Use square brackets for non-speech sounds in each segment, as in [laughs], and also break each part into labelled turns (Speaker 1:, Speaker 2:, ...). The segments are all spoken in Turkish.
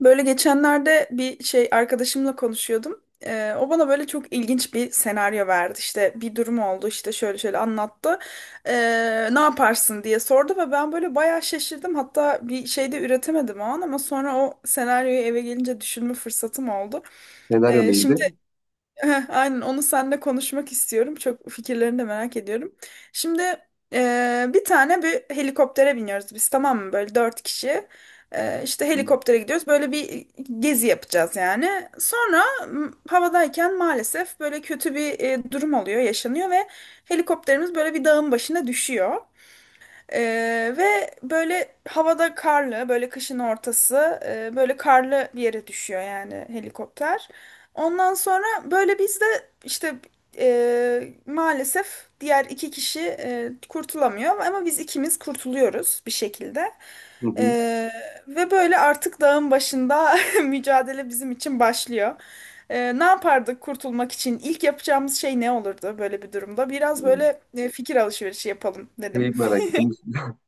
Speaker 1: Böyle geçenlerde bir şey arkadaşımla konuşuyordum. O bana böyle çok ilginç bir senaryo verdi. İşte bir durum oldu işte şöyle şöyle anlattı. Ne yaparsın diye sordu ve ben böyle bayağı şaşırdım. Hatta bir şey de üretemedim o an ama sonra o senaryoyu eve gelince düşünme fırsatım oldu.
Speaker 2: Senaryo
Speaker 1: Ee,
Speaker 2: neydi?
Speaker 1: şimdi aynen onu seninle konuşmak istiyorum. Çok fikirlerini de merak ediyorum. Şimdi bir helikoptere biniyoruz biz, tamam mı? Böyle dört kişi. İşte
Speaker 2: Hı
Speaker 1: helikoptere gidiyoruz. Böyle bir gezi yapacağız yani. Sonra havadayken maalesef böyle kötü bir durum oluyor, yaşanıyor ve helikopterimiz böyle bir dağın başına düşüyor. Ve böyle havada karlı, böyle kışın ortası, böyle karlı bir yere düşüyor yani helikopter. Ondan sonra böyle biz de işte maalesef diğer iki kişi kurtulamıyor ama biz ikimiz kurtuluyoruz bir şekilde.
Speaker 2: hı.
Speaker 1: Ee, Ve böyle artık dağın başında [laughs] mücadele bizim için başlıyor. Ne yapardık kurtulmak için? İlk yapacağımız şey ne olurdu böyle bir durumda? Biraz
Speaker 2: Hı.
Speaker 1: böyle fikir alışverişi yapalım dedim.
Speaker 2: Şeyi merak ettim. [laughs]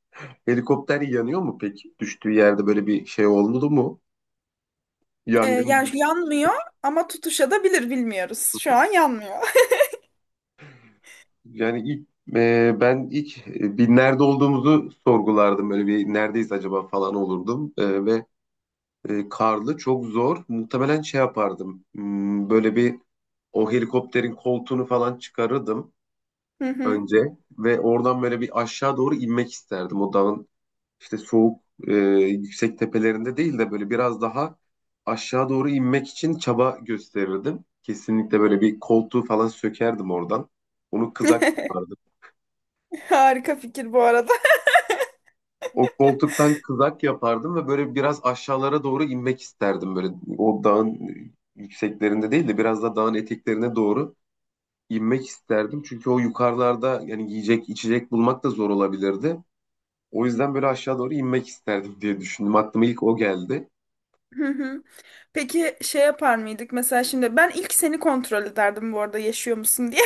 Speaker 2: Helikopter yanıyor mu peki? Düştüğü yerde böyle bir şey oldu mu? Yangın gibi
Speaker 1: Yani şu
Speaker 2: bir
Speaker 1: yanmıyor ama tutuşabilir, bilmiyoruz. Şu an yanmıyor.
Speaker 2: şey. Yani ilk ben ilk bir nerede olduğumuzu sorgulardım. Böyle bir neredeyiz acaba falan olurdum. Karlı çok zor. Muhtemelen şey yapardım. Böyle bir o helikopterin koltuğunu falan çıkarırdım
Speaker 1: [laughs] Hı hı.
Speaker 2: önce ve oradan böyle bir aşağı doğru inmek isterdim o dağın işte soğuk e, yüksek tepelerinde değil de böyle biraz daha aşağı doğru inmek için çaba gösterirdim. Kesinlikle böyle bir koltuğu falan sökerdim oradan. Onu kızak
Speaker 1: [laughs]
Speaker 2: yapardım.
Speaker 1: Harika fikir bu arada.
Speaker 2: O koltuktan kızak yapardım ve böyle biraz aşağılara doğru inmek isterdim. Böyle o dağın yükseklerinde değil de biraz da dağın eteklerine doğru inmek isterdim. Çünkü o yukarılarda yani yiyecek içecek bulmak da zor olabilirdi. O yüzden böyle aşağı doğru inmek isterdim diye düşündüm. Aklıma ilk o geldi.
Speaker 1: Hı hı. Peki şey yapar mıydık mesela, şimdi ben ilk seni kontrol ederdim bu arada, yaşıyor musun diye.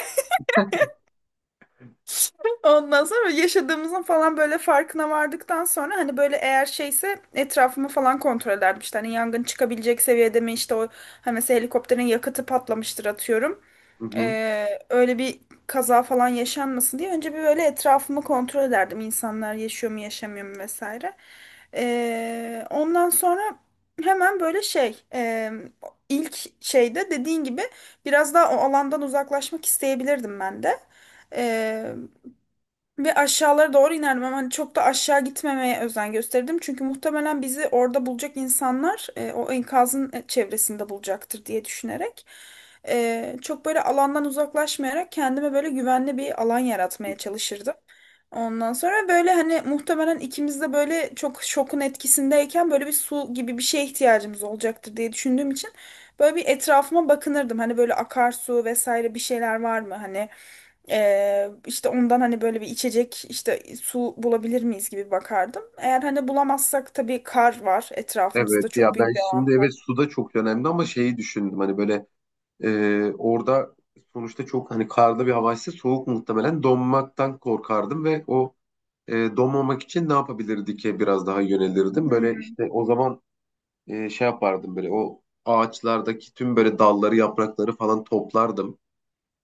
Speaker 1: Ondan sonra yaşadığımızın falan böyle farkına vardıktan sonra hani böyle eğer şeyse etrafımı falan kontrol ederdim. İşte hani yangın çıkabilecek seviyede mi işte o, hani mesela helikopterin yakıtı patlamıştır atıyorum.
Speaker 2: Hı hı.
Speaker 1: Öyle bir kaza falan yaşanmasın diye önce bir böyle etrafımı kontrol ederdim. İnsanlar yaşıyor mu yaşamıyor mu vesaire. Ondan sonra hemen böyle şey e, ilk şeyde dediğin gibi biraz daha o alandan uzaklaşmak isteyebilirdim ben de. Ee, Ve aşağılara doğru inerdim ama hani çok da aşağı gitmemeye özen gösterdim. Çünkü muhtemelen bizi orada bulacak insanlar o enkazın çevresinde bulacaktır diye düşünerek. Çok böyle alandan uzaklaşmayarak kendime böyle güvenli bir alan yaratmaya çalışırdım. Ondan sonra böyle hani muhtemelen ikimiz de böyle çok şokun etkisindeyken böyle bir su gibi bir şeye ihtiyacımız olacaktır diye düşündüğüm için böyle bir etrafıma bakınırdım. Hani böyle akarsu vesaire bir şeyler var mı? Hani işte ondan hani böyle bir içecek, işte su bulabilir miyiz gibi bakardım. Eğer hani bulamazsak, tabii kar var
Speaker 2: Evet
Speaker 1: etrafımızda, çok
Speaker 2: ya, ben
Speaker 1: büyük bir
Speaker 2: şimdi
Speaker 1: avantaj.
Speaker 2: evet su da çok önemli ama şeyi düşündüm hani böyle orada sonuçta çok hani karlı bir havaysa soğuk muhtemelen donmaktan korkardım ve o donmamak için ne yapabilirdi ki biraz daha yönelirdim. Böyle
Speaker 1: Hmm.
Speaker 2: işte o zaman şey yapardım böyle o ağaçlardaki tüm böyle dalları yaprakları falan toplardım.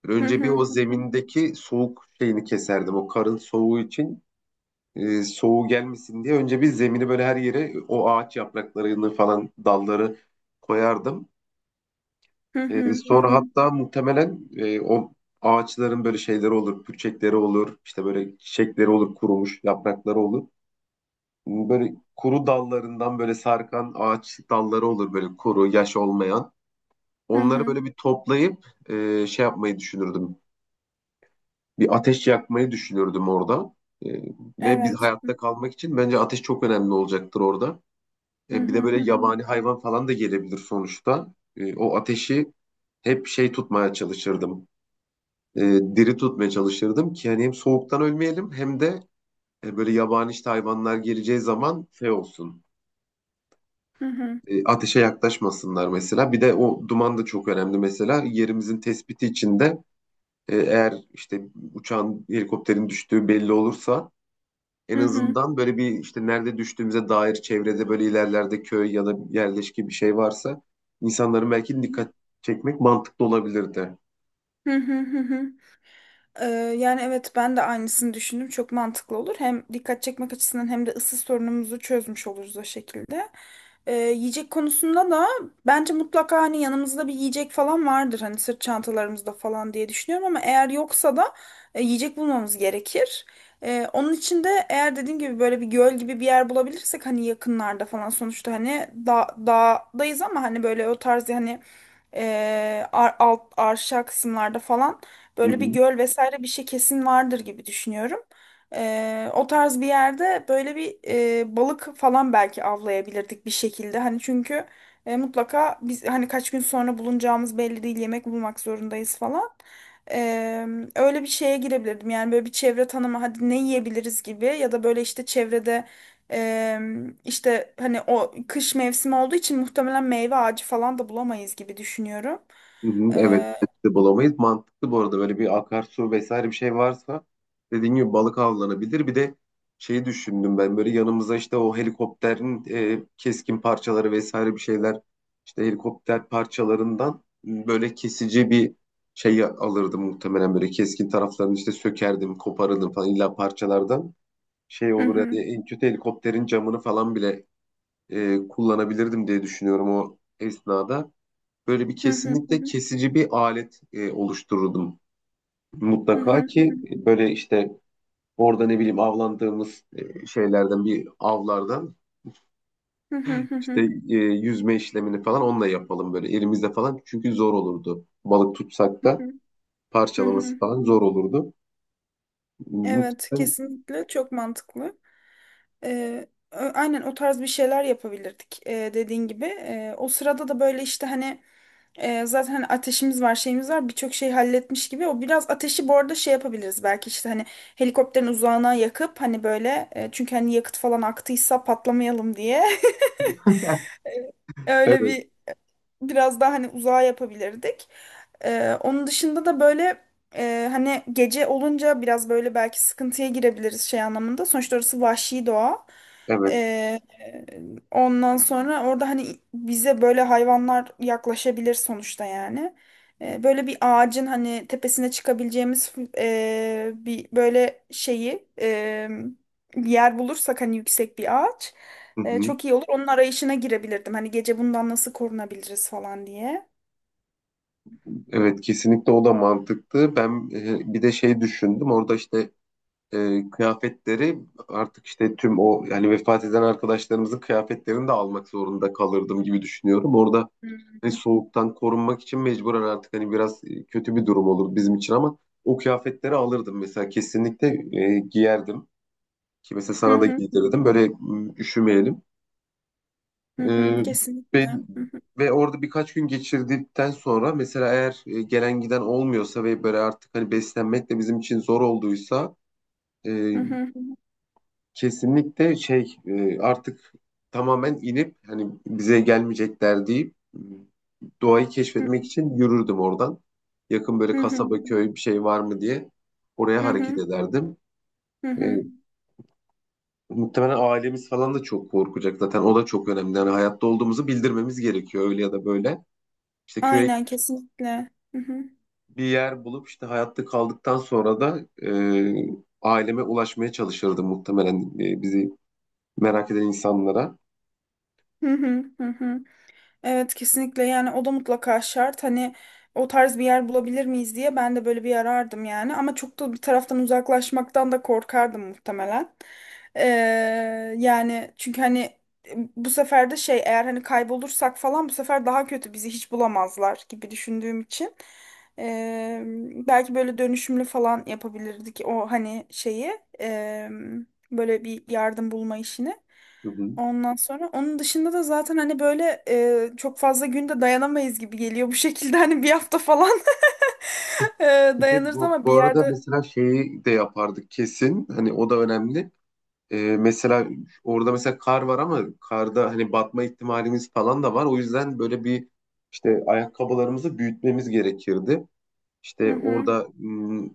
Speaker 2: Böyle
Speaker 1: Hı
Speaker 2: önce bir
Speaker 1: hı
Speaker 2: o
Speaker 1: hı
Speaker 2: zemindeki soğuk şeyini keserdim o karın soğuğu için soğuğu gelmesin diye önce bir zemini böyle her yere o ağaç yapraklarını falan dalları koyardım.
Speaker 1: hı hı
Speaker 2: Sonra
Speaker 1: hı
Speaker 2: hatta muhtemelen o ağaçların böyle şeyleri olur, pürçekleri olur, işte böyle çiçekleri olur, kurumuş yaprakları olur. Böyle kuru dallarından böyle sarkan ağaç dalları olur böyle kuru, yaş olmayan.
Speaker 1: hı
Speaker 2: Onları
Speaker 1: hı.
Speaker 2: böyle bir toplayıp şey yapmayı düşünürdüm. Bir ateş yakmayı düşünürdüm orada. E, Ve bir
Speaker 1: Evet.
Speaker 2: hayatta kalmak için bence ateş çok önemli olacaktır orada.
Speaker 1: Hı
Speaker 2: Bir
Speaker 1: hı
Speaker 2: de böyle
Speaker 1: hı hı
Speaker 2: yabani hayvan falan da gelebilir sonuçta. E, o ateşi hep şey tutmaya çalışırdım. E, Diri tutmaya çalışırdım ki hani hem soğuktan ölmeyelim hem de böyle yabani işte hayvanlar geleceği zaman şey olsun.
Speaker 1: hı hı
Speaker 2: Ateşe yaklaşmasınlar mesela. Bir de o duman da çok önemli mesela. Yerimizin tespiti için de eğer işte uçağın, helikopterin düştüğü belli olursa
Speaker 1: hı
Speaker 2: en
Speaker 1: hı
Speaker 2: azından böyle bir işte nerede düştüğümüze dair çevrede böyle ilerlerde köy ya da yerleşki bir şey varsa insanların belki dikkat
Speaker 1: hı
Speaker 2: çekmek mantıklı olabilirdi.
Speaker 1: hı hı hı. Hı. Ee, Yani evet, ben de aynısını düşündüm. Çok mantıklı olur. Hem dikkat çekmek açısından hem de ısı sorunumuzu çözmüş oluruz o şekilde. Yiyecek konusunda da bence mutlaka hani yanımızda bir yiyecek falan vardır. Hani sırt çantalarımızda falan diye düşünüyorum ama eğer yoksa da yiyecek bulmamız gerekir. Onun için de eğer dediğim gibi böyle bir göl gibi bir yer bulabilirsek hani yakınlarda falan, sonuçta hani da dağdayız ama hani böyle o tarz hani alt arşa kısımlarda falan
Speaker 2: Hı
Speaker 1: böyle bir
Speaker 2: hı.
Speaker 1: göl vesaire bir şey kesin vardır gibi düşünüyorum. O tarz bir yerde böyle bir balık falan belki avlayabilirdik bir şekilde. Hani çünkü mutlaka biz hani kaç gün sonra bulunacağımız belli değil, yemek bulmak zorundayız falan. Ee, Öyle bir şeye girebilirdim. Yani böyle bir çevre tanımı, hadi ne yiyebiliriz gibi ya da böyle işte çevrede e, işte hani o kış mevsimi olduğu için muhtemelen meyve ağacı falan da bulamayız gibi düşünüyorum.
Speaker 2: Hı hı. Evet,
Speaker 1: Ee,
Speaker 2: de bulamayız. Mantıklı bu arada, böyle bir akarsu vesaire bir şey varsa dediğin gibi balık avlanabilir. Bir de şeyi düşündüm ben, böyle yanımıza işte o helikopterin keskin parçaları vesaire bir şeyler, işte helikopter parçalarından böyle kesici bir şey alırdım muhtemelen, böyle keskin taraflarını işte sökerdim, koparırdım falan illa parçalardan şey
Speaker 1: hı
Speaker 2: olur ya
Speaker 1: hı,
Speaker 2: diye, en kötü helikopterin camını falan bile kullanabilirdim diye düşünüyorum. O esnada böyle bir
Speaker 1: hı hı, hı
Speaker 2: kesinlikle
Speaker 1: hı.
Speaker 2: kesici bir alet oluştururdum.
Speaker 1: Hı hı,
Speaker 2: Mutlaka
Speaker 1: hı
Speaker 2: ki böyle işte orada ne bileyim avlandığımız şeylerden, bir avlardan
Speaker 1: hı, hı
Speaker 2: işte
Speaker 1: hı,
Speaker 2: yüzme işlemini falan onunla yapalım böyle elimizde falan. Çünkü zor olurdu. Balık tutsak da
Speaker 1: hı hı.
Speaker 2: parçalaması
Speaker 1: Hı.
Speaker 2: falan zor olurdu.
Speaker 1: Evet,
Speaker 2: Muhtemelen
Speaker 1: kesinlikle çok mantıklı. Aynen o tarz bir şeyler yapabilirdik dediğin gibi. O sırada da böyle işte hani zaten hani ateşimiz var, şeyimiz var, birçok şey halletmiş gibi. O biraz ateşi bu arada şey yapabiliriz belki işte hani helikopterin uzağına yakıp hani böyle, çünkü hani yakıt falan aktıysa patlamayalım diye. [laughs] Öyle
Speaker 2: evet
Speaker 1: bir biraz daha hani uzağa yapabilirdik. Onun dışında da böyle hani gece olunca biraz böyle belki sıkıntıya girebiliriz şey anlamında. Sonuçta orası vahşi doğa.
Speaker 2: evet.
Speaker 1: Ee, Ondan sonra orada hani bize böyle hayvanlar yaklaşabilir sonuçta yani. Böyle bir ağacın hani tepesine çıkabileceğimiz e, bir böyle şeyi e, bir yer bulursak, hani yüksek bir ağaç.
Speaker 2: Hı hı.
Speaker 1: Çok iyi olur. Onun arayışına girebilirdim. Hani gece bundan nasıl korunabiliriz falan diye.
Speaker 2: Evet, kesinlikle o da mantıklı. Ben bir de şey düşündüm. Orada işte kıyafetleri artık işte tüm o yani vefat eden arkadaşlarımızın kıyafetlerini de almak zorunda kalırdım gibi düşünüyorum. Orada
Speaker 1: Hı
Speaker 2: hani soğuktan korunmak için mecburen artık hani biraz kötü bir durum olur bizim için ama o kıyafetleri alırdım mesela, kesinlikle giyerdim. Ki mesela
Speaker 1: hı
Speaker 2: sana da
Speaker 1: hı
Speaker 2: giydirirdim böyle, üşümeyelim.
Speaker 1: hı hı,
Speaker 2: E,
Speaker 1: kesinlikle.
Speaker 2: ve,
Speaker 1: Hı hı
Speaker 2: ve orada birkaç gün geçirdikten sonra mesela, eğer gelen giden olmuyorsa ve böyle artık hani beslenmek de bizim için zor olduysa
Speaker 1: hı
Speaker 2: e,
Speaker 1: hı
Speaker 2: kesinlikle şey artık tamamen inip hani bize gelmeyecekler deyip, doğayı keşfetmek
Speaker 1: hı
Speaker 2: için yürürdüm oradan. Yakın böyle
Speaker 1: hı
Speaker 2: kasaba
Speaker 1: hı
Speaker 2: köy bir şey var mı diye oraya hareket
Speaker 1: hı
Speaker 2: ederdim.
Speaker 1: hı
Speaker 2: E,
Speaker 1: hı.
Speaker 2: Muhtemelen ailemiz falan da çok korkacak zaten, o da çok önemli. Yani hayatta olduğumuzu bildirmemiz gerekiyor öyle ya da böyle. İşte köye
Speaker 1: Aynen, kesinlikle. Hı hı
Speaker 2: bir yer bulup işte hayatta kaldıktan sonra da aileme ulaşmaya çalışırdım muhtemelen, bizi merak eden insanlara.
Speaker 1: hı hı hı hı. Evet kesinlikle, yani o da mutlaka şart. Hani o tarz bir yer bulabilir miyiz diye ben de böyle bir arardım yani, ama çok da bir taraftan uzaklaşmaktan da korkardım muhtemelen. Ee, Yani çünkü hani bu sefer de şey, eğer hani kaybolursak falan bu sefer daha kötü, bizi hiç bulamazlar gibi düşündüğüm için ee, belki böyle dönüşümlü falan yapabilirdik o hani şeyi, ee, böyle bir yardım bulma işini.
Speaker 2: Hı hı.
Speaker 1: Ondan sonra onun dışında da zaten hani böyle çok fazla günde dayanamayız gibi geliyor bu [laughs] şekilde, hani bir hafta falan [laughs] e,
Speaker 2: Bir
Speaker 1: dayanırız
Speaker 2: Bu,
Speaker 1: ama
Speaker 2: bu
Speaker 1: bir
Speaker 2: arada
Speaker 1: yerde.
Speaker 2: mesela şeyi de yapardık kesin. Hani o da önemli. Mesela orada mesela kar var ama karda hani batma ihtimalimiz falan da var. O yüzden böyle bir işte ayakkabılarımızı büyütmemiz gerekirdi.
Speaker 1: Hı
Speaker 2: İşte
Speaker 1: hı,
Speaker 2: orada,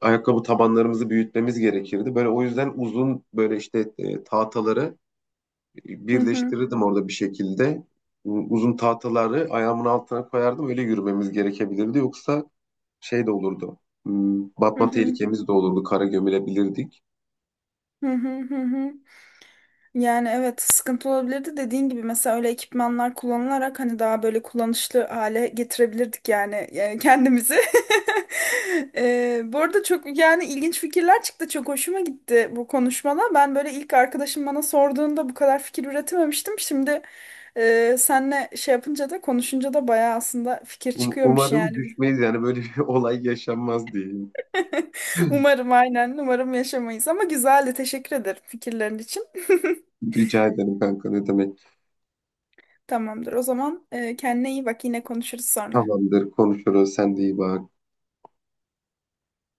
Speaker 2: ayakkabı tabanlarımızı büyütmemiz gerekirdi. Böyle o yüzden uzun böyle işte tahtaları
Speaker 1: hı hı,
Speaker 2: birleştirirdim orada bir şekilde. Uzun tahtaları ayağımın altına koyardım. Öyle yürümemiz gerekebilirdi. Yoksa şey de olurdu.
Speaker 1: hı
Speaker 2: Batma
Speaker 1: hı,
Speaker 2: tehlikemiz de olurdu. Kara gömülebilirdik.
Speaker 1: hı hı, hı hı. Yani evet, sıkıntı olabilirdi dediğin gibi. Mesela öyle ekipmanlar kullanılarak hani daha böyle kullanışlı hale getirebilirdik yani, kendimizi. [laughs] Bu arada çok yani ilginç fikirler çıktı, çok hoşuma gitti bu konuşmada. Ben böyle ilk arkadaşım bana sorduğunda bu kadar fikir üretememiştim. Şimdi senle şey yapınca da konuşunca da bayağı aslında fikir
Speaker 2: Um-
Speaker 1: çıkıyormuş
Speaker 2: Umarım
Speaker 1: yani.
Speaker 2: düşmeyiz yani, böyle bir [laughs] olay yaşanmaz diyeyim.
Speaker 1: [laughs] Umarım, aynen umarım yaşamayız, ama güzeldi, teşekkür ederim fikirlerin için. [laughs]
Speaker 2: Rica ederim kanka, ne demek.
Speaker 1: Tamamdır. O zaman kendine iyi bak. Yine konuşuruz sonra.
Speaker 2: Tamamdır, konuşuruz. Sen de iyi bak.